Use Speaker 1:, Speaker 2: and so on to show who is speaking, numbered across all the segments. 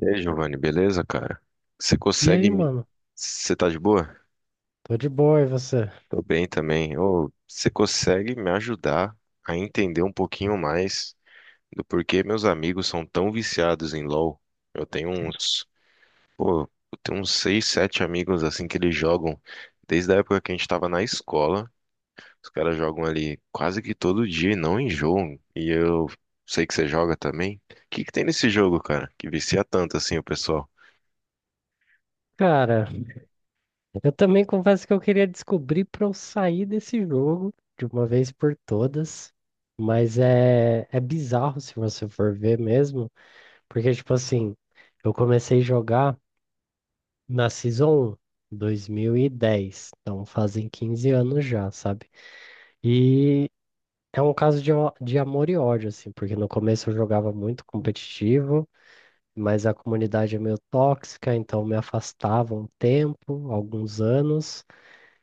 Speaker 1: E aí, Giovanni, beleza, cara? Você
Speaker 2: E
Speaker 1: consegue
Speaker 2: aí,
Speaker 1: me.
Speaker 2: mano?
Speaker 1: Você tá de boa?
Speaker 2: Tô de boa, e você?
Speaker 1: Tô bem também. Ô, você consegue me ajudar a entender um pouquinho mais do porquê meus amigos são tão viciados em LoL? Eu tenho uns. Pô, eu tenho uns seis, sete amigos assim que eles jogam desde a época que a gente tava na escola. Os caras jogam ali quase que todo dia e não enjoam. E eu sei que você joga também. O que que tem nesse jogo, cara? Que vicia tanto assim o pessoal?
Speaker 2: Cara, eu também confesso que eu queria descobrir pra eu sair desse jogo de uma vez por todas, mas é bizarro se você for ver mesmo, porque, tipo assim, eu comecei a jogar na Season um, 2010, então fazem 15 anos já, sabe? E é um caso de, de amor e ódio, assim, porque no começo eu jogava muito competitivo, mas a comunidade é meio tóxica, então me afastava um tempo, alguns anos.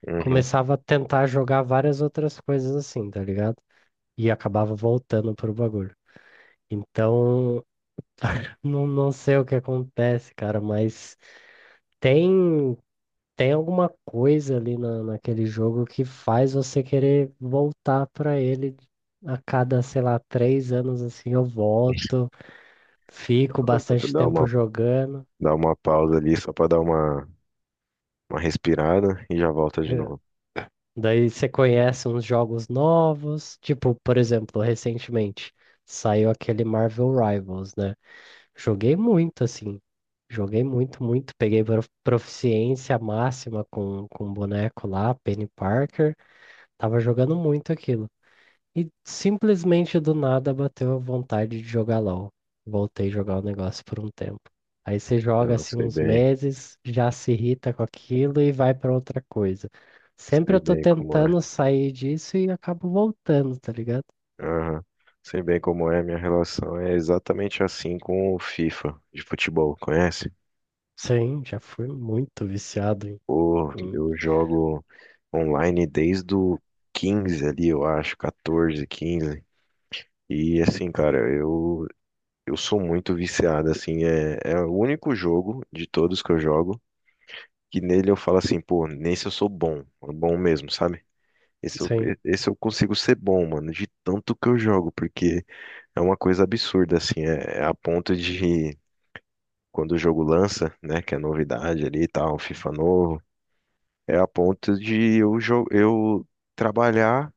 Speaker 1: Uhum.
Speaker 2: Começava a tentar jogar várias outras coisas assim, tá ligado? E acabava voltando pro bagulho. Então, não sei o que acontece, cara, mas tem, tem alguma coisa ali naquele jogo que faz você querer voltar pra ele. A cada, sei lá, 3 anos assim eu volto, fico bastante
Speaker 1: Dá
Speaker 2: tempo
Speaker 1: uma
Speaker 2: jogando.
Speaker 1: Dá uma pausa ali só pra dar uma respirada e já volta de novo.
Speaker 2: Daí você conhece uns jogos novos, tipo, por exemplo, recentemente saiu aquele Marvel Rivals, né? Joguei muito, assim, joguei muito, muito. Peguei proficiência máxima com o boneco lá, Penny Parker. Tava jogando muito aquilo. E simplesmente do nada bateu a vontade de jogar LOL. Voltei a jogar o negócio por um tempo. Aí você joga
Speaker 1: Eu
Speaker 2: assim
Speaker 1: sei
Speaker 2: uns
Speaker 1: bem,
Speaker 2: meses, já se irrita com aquilo e vai pra outra coisa. Sempre
Speaker 1: sei
Speaker 2: eu tô
Speaker 1: bem como é.
Speaker 2: tentando sair disso e acabo voltando, tá ligado?
Speaker 1: Aham. Sei bem como é, minha relação é exatamente assim com o FIFA de futebol, conhece?
Speaker 2: Sim, já fui muito viciado em.
Speaker 1: Pô,
Speaker 2: em-
Speaker 1: eu jogo online desde o 15 ali, eu acho, 14, 15. E assim, cara, eu sou muito viciado, assim, é o único jogo de todos que eu jogo que nele eu falo assim, pô, nesse eu sou bom, bom mesmo, sabe? Esse eu,
Speaker 2: Sim.
Speaker 1: esse eu consigo ser bom, mano, de tanto que eu jogo, porque é uma coisa absurda, assim, é a ponto de quando o jogo lança, né, que é novidade ali e tal, FIFA novo, é a ponto de eu trabalhar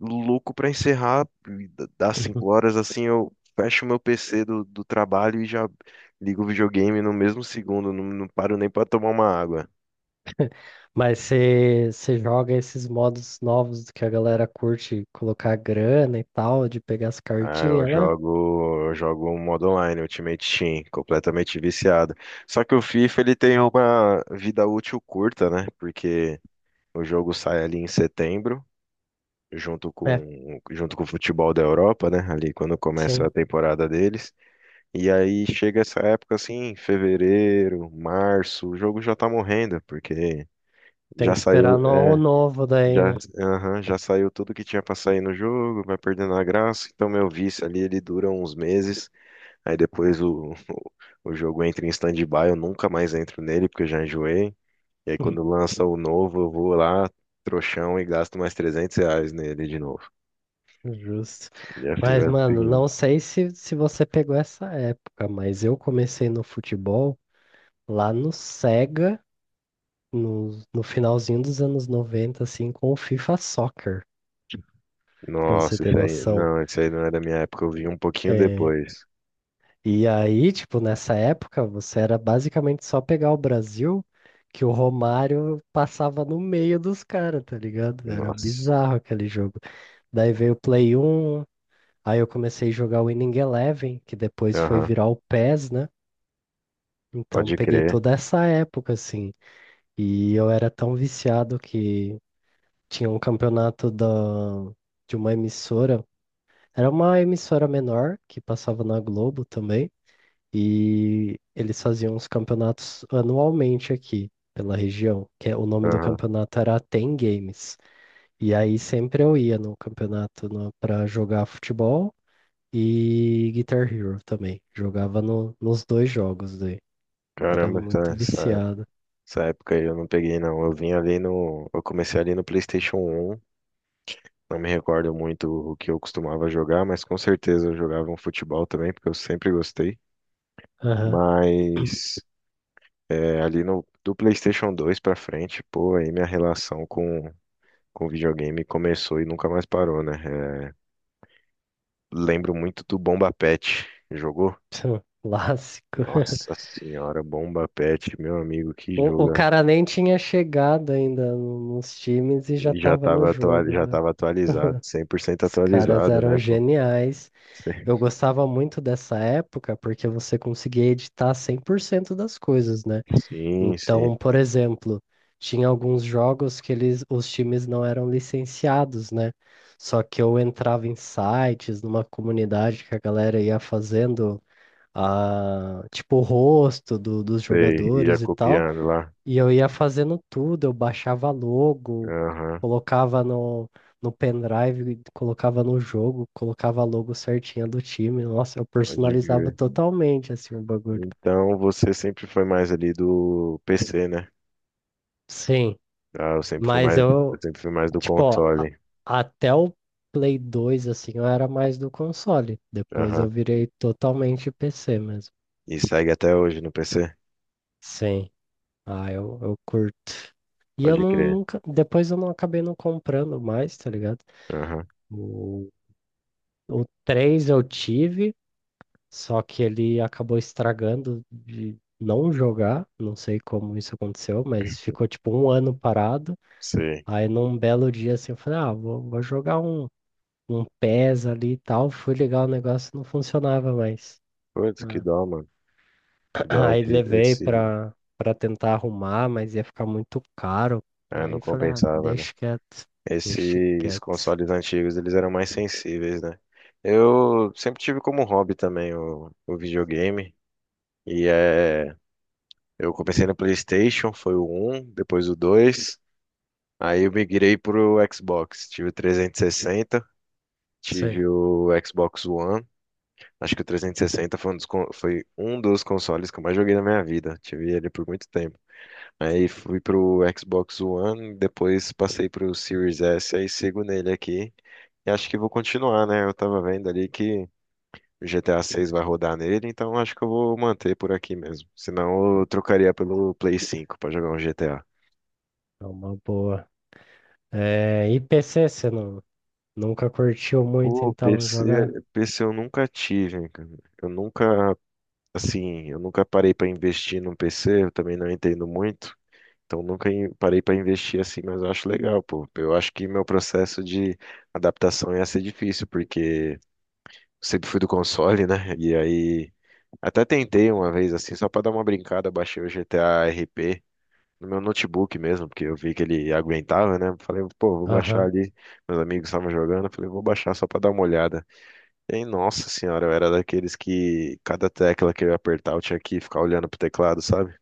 Speaker 1: louco pra encerrar, e das 5 horas, assim, eu fecho o meu PC do trabalho e já ligo o videogame no mesmo segundo, não paro nem pra tomar uma água.
Speaker 2: Mas você joga esses modos novos que a galera curte colocar grana e tal, de pegar as
Speaker 1: Ah, eu
Speaker 2: cartinhas lá?
Speaker 1: jogo, eu jogo um modo online, Ultimate Team, completamente viciado. Só que o FIFA ele tem uma vida útil curta, né? Porque o jogo sai ali em setembro, junto
Speaker 2: É,
Speaker 1: com junto com o futebol da Europa, né? Ali quando começa
Speaker 2: sim.
Speaker 1: a temporada deles. E aí chega essa época assim, fevereiro, março, o jogo já tá morrendo, porque
Speaker 2: Tem
Speaker 1: já
Speaker 2: que
Speaker 1: saiu,
Speaker 2: esperar no ano novo daí,
Speaker 1: já,
Speaker 2: né?
Speaker 1: aham, já saiu tudo que tinha pra sair no jogo, vai perdendo a graça. Então meu vício ali ele dura uns meses. Aí depois o, o jogo entra em stand-by, eu nunca mais entro nele porque eu já enjoei. E aí quando lança o novo, eu vou lá, trouxão, e gasto mais R$ 300 nele de novo.
Speaker 2: Justo.
Speaker 1: E assim
Speaker 2: Mas,
Speaker 1: vai
Speaker 2: mano,
Speaker 1: seguindo.
Speaker 2: não sei se você pegou essa época, mas eu comecei no futebol lá no Sega, no finalzinho dos anos 90, assim, com o FIFA Soccer, pra você
Speaker 1: Nossa,
Speaker 2: ter noção.
Speaker 1: isso aí não é da minha época, eu vi um pouquinho
Speaker 2: É,
Speaker 1: depois.
Speaker 2: e aí, tipo, nessa época, você era basicamente só pegar o Brasil, que o Romário passava no meio dos caras, tá ligado? Era
Speaker 1: Nossa,
Speaker 2: bizarro aquele jogo. Daí veio o Play 1. Aí eu comecei a jogar o Winning Eleven, que depois foi
Speaker 1: aham,
Speaker 2: virar o PES, né? Então
Speaker 1: pode
Speaker 2: peguei
Speaker 1: crer,
Speaker 2: toda essa época, assim. E eu era tão viciado que tinha um campeonato de uma emissora. Era uma emissora menor que passava na Globo também. E eles faziam os campeonatos anualmente aqui pela região, o nome do
Speaker 1: aham.
Speaker 2: campeonato era Ten Games. E aí sempre eu ia no campeonato para jogar futebol e Guitar Hero também. Jogava nos dois jogos daí. Era
Speaker 1: Caramba, essa,
Speaker 2: muito
Speaker 1: essa,
Speaker 2: viciado.
Speaker 1: essa época aí eu não peguei não, eu vim ali no, eu comecei ali no PlayStation um. Não me recordo muito o que eu costumava jogar, mas com certeza eu jogava um futebol também, porque eu sempre gostei.
Speaker 2: Aham.
Speaker 1: Mas ali no, do PlayStation 2 pra frente, pô, aí minha relação com, videogame começou e nunca mais parou, né? É, lembro muito do Bomba Patch. Jogou?
Speaker 2: Clássico.
Speaker 1: Nossa senhora, Bomba Patch, meu amigo, que
Speaker 2: O
Speaker 1: joga.
Speaker 2: cara nem tinha chegado ainda nos times e já
Speaker 1: E já
Speaker 2: tava no
Speaker 1: tava, atua-
Speaker 2: jogo
Speaker 1: já
Speaker 2: lá.
Speaker 1: tava atualizado, 100%
Speaker 2: Os caras
Speaker 1: atualizado,
Speaker 2: eram
Speaker 1: né, pô?
Speaker 2: geniais.
Speaker 1: Sim,
Speaker 2: Eu gostava muito dessa época porque você conseguia editar 100% das coisas, né?
Speaker 1: sim, sim.
Speaker 2: Então, por exemplo, tinha alguns jogos que eles, os times não eram licenciados, né? Só que eu entrava em sites, numa comunidade que a galera ia fazendo a, tipo, o rosto dos
Speaker 1: Sei, ia
Speaker 2: jogadores e tal,
Speaker 1: copiando lá.
Speaker 2: e eu ia fazendo tudo, eu baixava logo,
Speaker 1: Aham.
Speaker 2: colocava no pendrive, colocava no jogo, colocava a logo certinha do time. Nossa, eu
Speaker 1: Pode
Speaker 2: personalizava
Speaker 1: crer.
Speaker 2: totalmente assim o bagulho.
Speaker 1: Então você sempre foi mais ali do PC, né?
Speaker 2: Sim.
Speaker 1: Ah, eu sempre fui
Speaker 2: Mas
Speaker 1: mais, eu
Speaker 2: eu,
Speaker 1: sempre fui mais do
Speaker 2: tipo, ó,
Speaker 1: console.
Speaker 2: até o Play 2 assim, eu era mais do console. Depois eu
Speaker 1: Aham.
Speaker 2: virei totalmente PC mesmo.
Speaker 1: E segue até hoje no PC?
Speaker 2: Sim, ah, eu curto. E eu
Speaker 1: Pode
Speaker 2: não,
Speaker 1: crer.
Speaker 2: nunca. Depois eu não acabei não comprando mais, tá ligado?
Speaker 1: Aham.
Speaker 2: O, o 3 eu tive, só que ele acabou estragando de não jogar. Não sei como isso aconteceu, mas ficou tipo um ano parado.
Speaker 1: Sei.
Speaker 2: Aí num belo dia assim, eu falei, ah, vou jogar um pés ali e tal. Fui ligar o negócio, não funcionava mais.
Speaker 1: Putz, que
Speaker 2: Né?
Speaker 1: dó, mano. Que dó
Speaker 2: Aí
Speaker 1: esse,
Speaker 2: levei
Speaker 1: esse...
Speaker 2: pra tentar arrumar, mas ia ficar muito caro.
Speaker 1: É, não
Speaker 2: Aí falei, ah,
Speaker 1: compensava, né?
Speaker 2: deixa quieto, deixa
Speaker 1: Esses
Speaker 2: quieto.
Speaker 1: consoles antigos, eles eram mais sensíveis, né? Eu sempre tive como hobby também o videogame. E eu comecei no PlayStation, foi o um depois o dois. Aí eu migrei pro Xbox. Tive o 360,
Speaker 2: Sei.
Speaker 1: tive o Xbox One. Acho que o 360 foi um dos consoles que eu mais joguei na minha vida. Tive ele por muito tempo. Aí fui pro Xbox One, depois passei pro Series S, aí sigo nele aqui. E acho que vou continuar, né? Eu tava vendo ali que o GTA 6 vai rodar nele, então acho que eu vou manter por aqui mesmo. Senão eu trocaria pelo Play 5 pra jogar um GTA.
Speaker 2: É uma boa. É, e PC, você não, nunca curtiu muito,
Speaker 1: Pô,
Speaker 2: então
Speaker 1: PC,
Speaker 2: jogar?
Speaker 1: PC eu nunca tive, cara. Eu nunca, assim, eu nunca parei pra investir num PC, eu também não entendo muito, então nunca parei pra investir assim, mas eu acho legal, pô. Eu acho que meu processo de adaptação ia ser difícil, porque sempre fui do console, né? E aí até tentei uma vez assim, só pra dar uma brincada, baixei o GTA RP no meu notebook mesmo, porque eu vi que ele aguentava, né? Falei, pô, vou baixar
Speaker 2: Aham.
Speaker 1: ali, meus amigos estavam jogando, eu falei, vou baixar só pra dar uma olhada. Ei, nossa senhora, eu era daqueles que cada tecla que eu ia apertar eu tinha que ficar olhando pro teclado, sabe?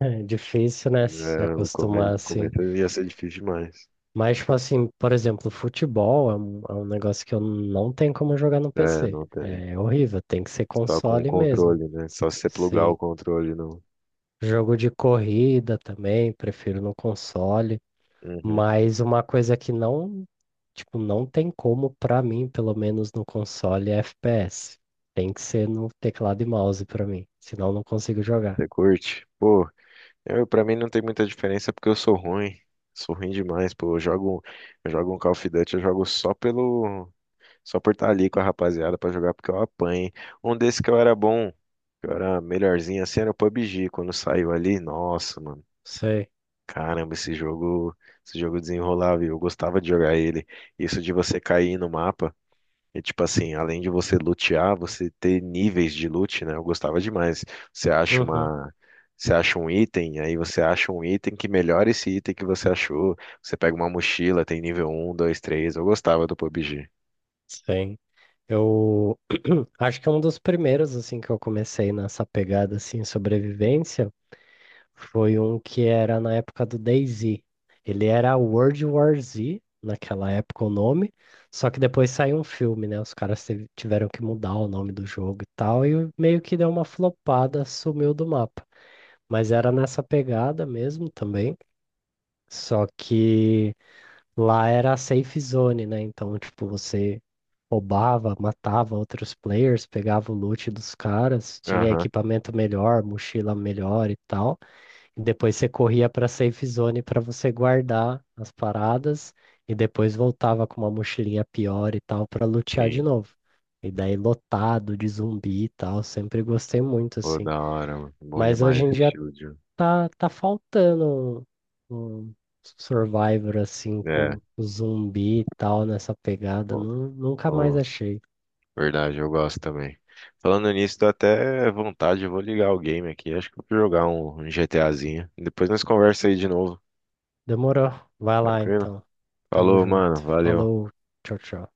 Speaker 2: É difícil, né? Se
Speaker 1: É, o
Speaker 2: acostumar
Speaker 1: começo, o
Speaker 2: assim.
Speaker 1: começo ia ser difícil demais.
Speaker 2: Mas, tipo assim, por exemplo, futebol é um negócio que eu não tenho como jogar no
Speaker 1: É,
Speaker 2: PC.
Speaker 1: não tem.
Speaker 2: É horrível, tem que ser
Speaker 1: Só com o
Speaker 2: console mesmo.
Speaker 1: controle, né? Só se você plugar o
Speaker 2: Sim.
Speaker 1: controle no.
Speaker 2: Jogo de corrida também, prefiro no console.
Speaker 1: Uhum.
Speaker 2: Mas uma coisa que não, tipo, não tem como pra mim, pelo menos no console, é FPS. Tem que ser no teclado e mouse pra mim, senão eu não consigo jogar.
Speaker 1: Você curte? Pô, pra mim não tem muita diferença porque eu sou ruim. Sou ruim demais, pô. Eu jogo um Call of Duty, eu jogo só pelo. Só por estar ali com a rapaziada pra jogar, porque eu apanhei. Um desses que eu era bom, que eu era melhorzinho assim, era o PUBG. Quando saiu ali, nossa, mano.
Speaker 2: Sei.
Speaker 1: Caramba, esse jogo desenrolava e eu gostava de jogar ele. Isso de você cair no mapa e, tipo assim, além de você lutear, você ter níveis de loot, né? Eu gostava demais. Você acha
Speaker 2: Uhum.
Speaker 1: uma. Você acha um item, aí você acha um item que melhora esse item que você achou. Você pega uma mochila, tem nível um 2 três. Eu gostava do PUBG.
Speaker 2: Sim. Eu acho que é um dos primeiros assim que eu comecei nessa pegada assim sobrevivência. Foi um que era na época do DayZ. Ele era World War Z, naquela época o nome, só que depois saiu um filme, né? Os caras tiveram que mudar o nome do jogo e tal, e meio que deu uma flopada, sumiu do mapa. Mas era nessa pegada mesmo também, só que lá era a safe zone, né? Então, tipo, você roubava, matava outros players, pegava o loot dos caras, tinha
Speaker 1: Aham,
Speaker 2: equipamento melhor, mochila melhor e tal. Depois você corria para safe zone para você guardar as paradas e depois voltava com uma mochilinha pior e tal para lutear de
Speaker 1: sim.
Speaker 2: novo. E daí lotado de zumbi e tal, sempre gostei muito
Speaker 1: Pô,
Speaker 2: assim.
Speaker 1: da hora, mano. Bom
Speaker 2: Mas hoje
Speaker 1: demais
Speaker 2: em
Speaker 1: esse
Speaker 2: dia
Speaker 1: estilo de.
Speaker 2: tá faltando um Survivor assim
Speaker 1: É,
Speaker 2: com zumbi e tal nessa pegada.
Speaker 1: bom,
Speaker 2: Nunca mais
Speaker 1: pô,
Speaker 2: achei.
Speaker 1: verdade, eu gosto também. Falando nisso, dá até vontade, eu vou ligar o game aqui. Acho que eu vou jogar um GTAzinho. Depois nós conversa aí de novo,
Speaker 2: Demorou. Vai lá
Speaker 1: tranquilo?
Speaker 2: então. Tamo
Speaker 1: Falou,
Speaker 2: junto.
Speaker 1: mano, valeu.
Speaker 2: Falou. Tchau, tchau.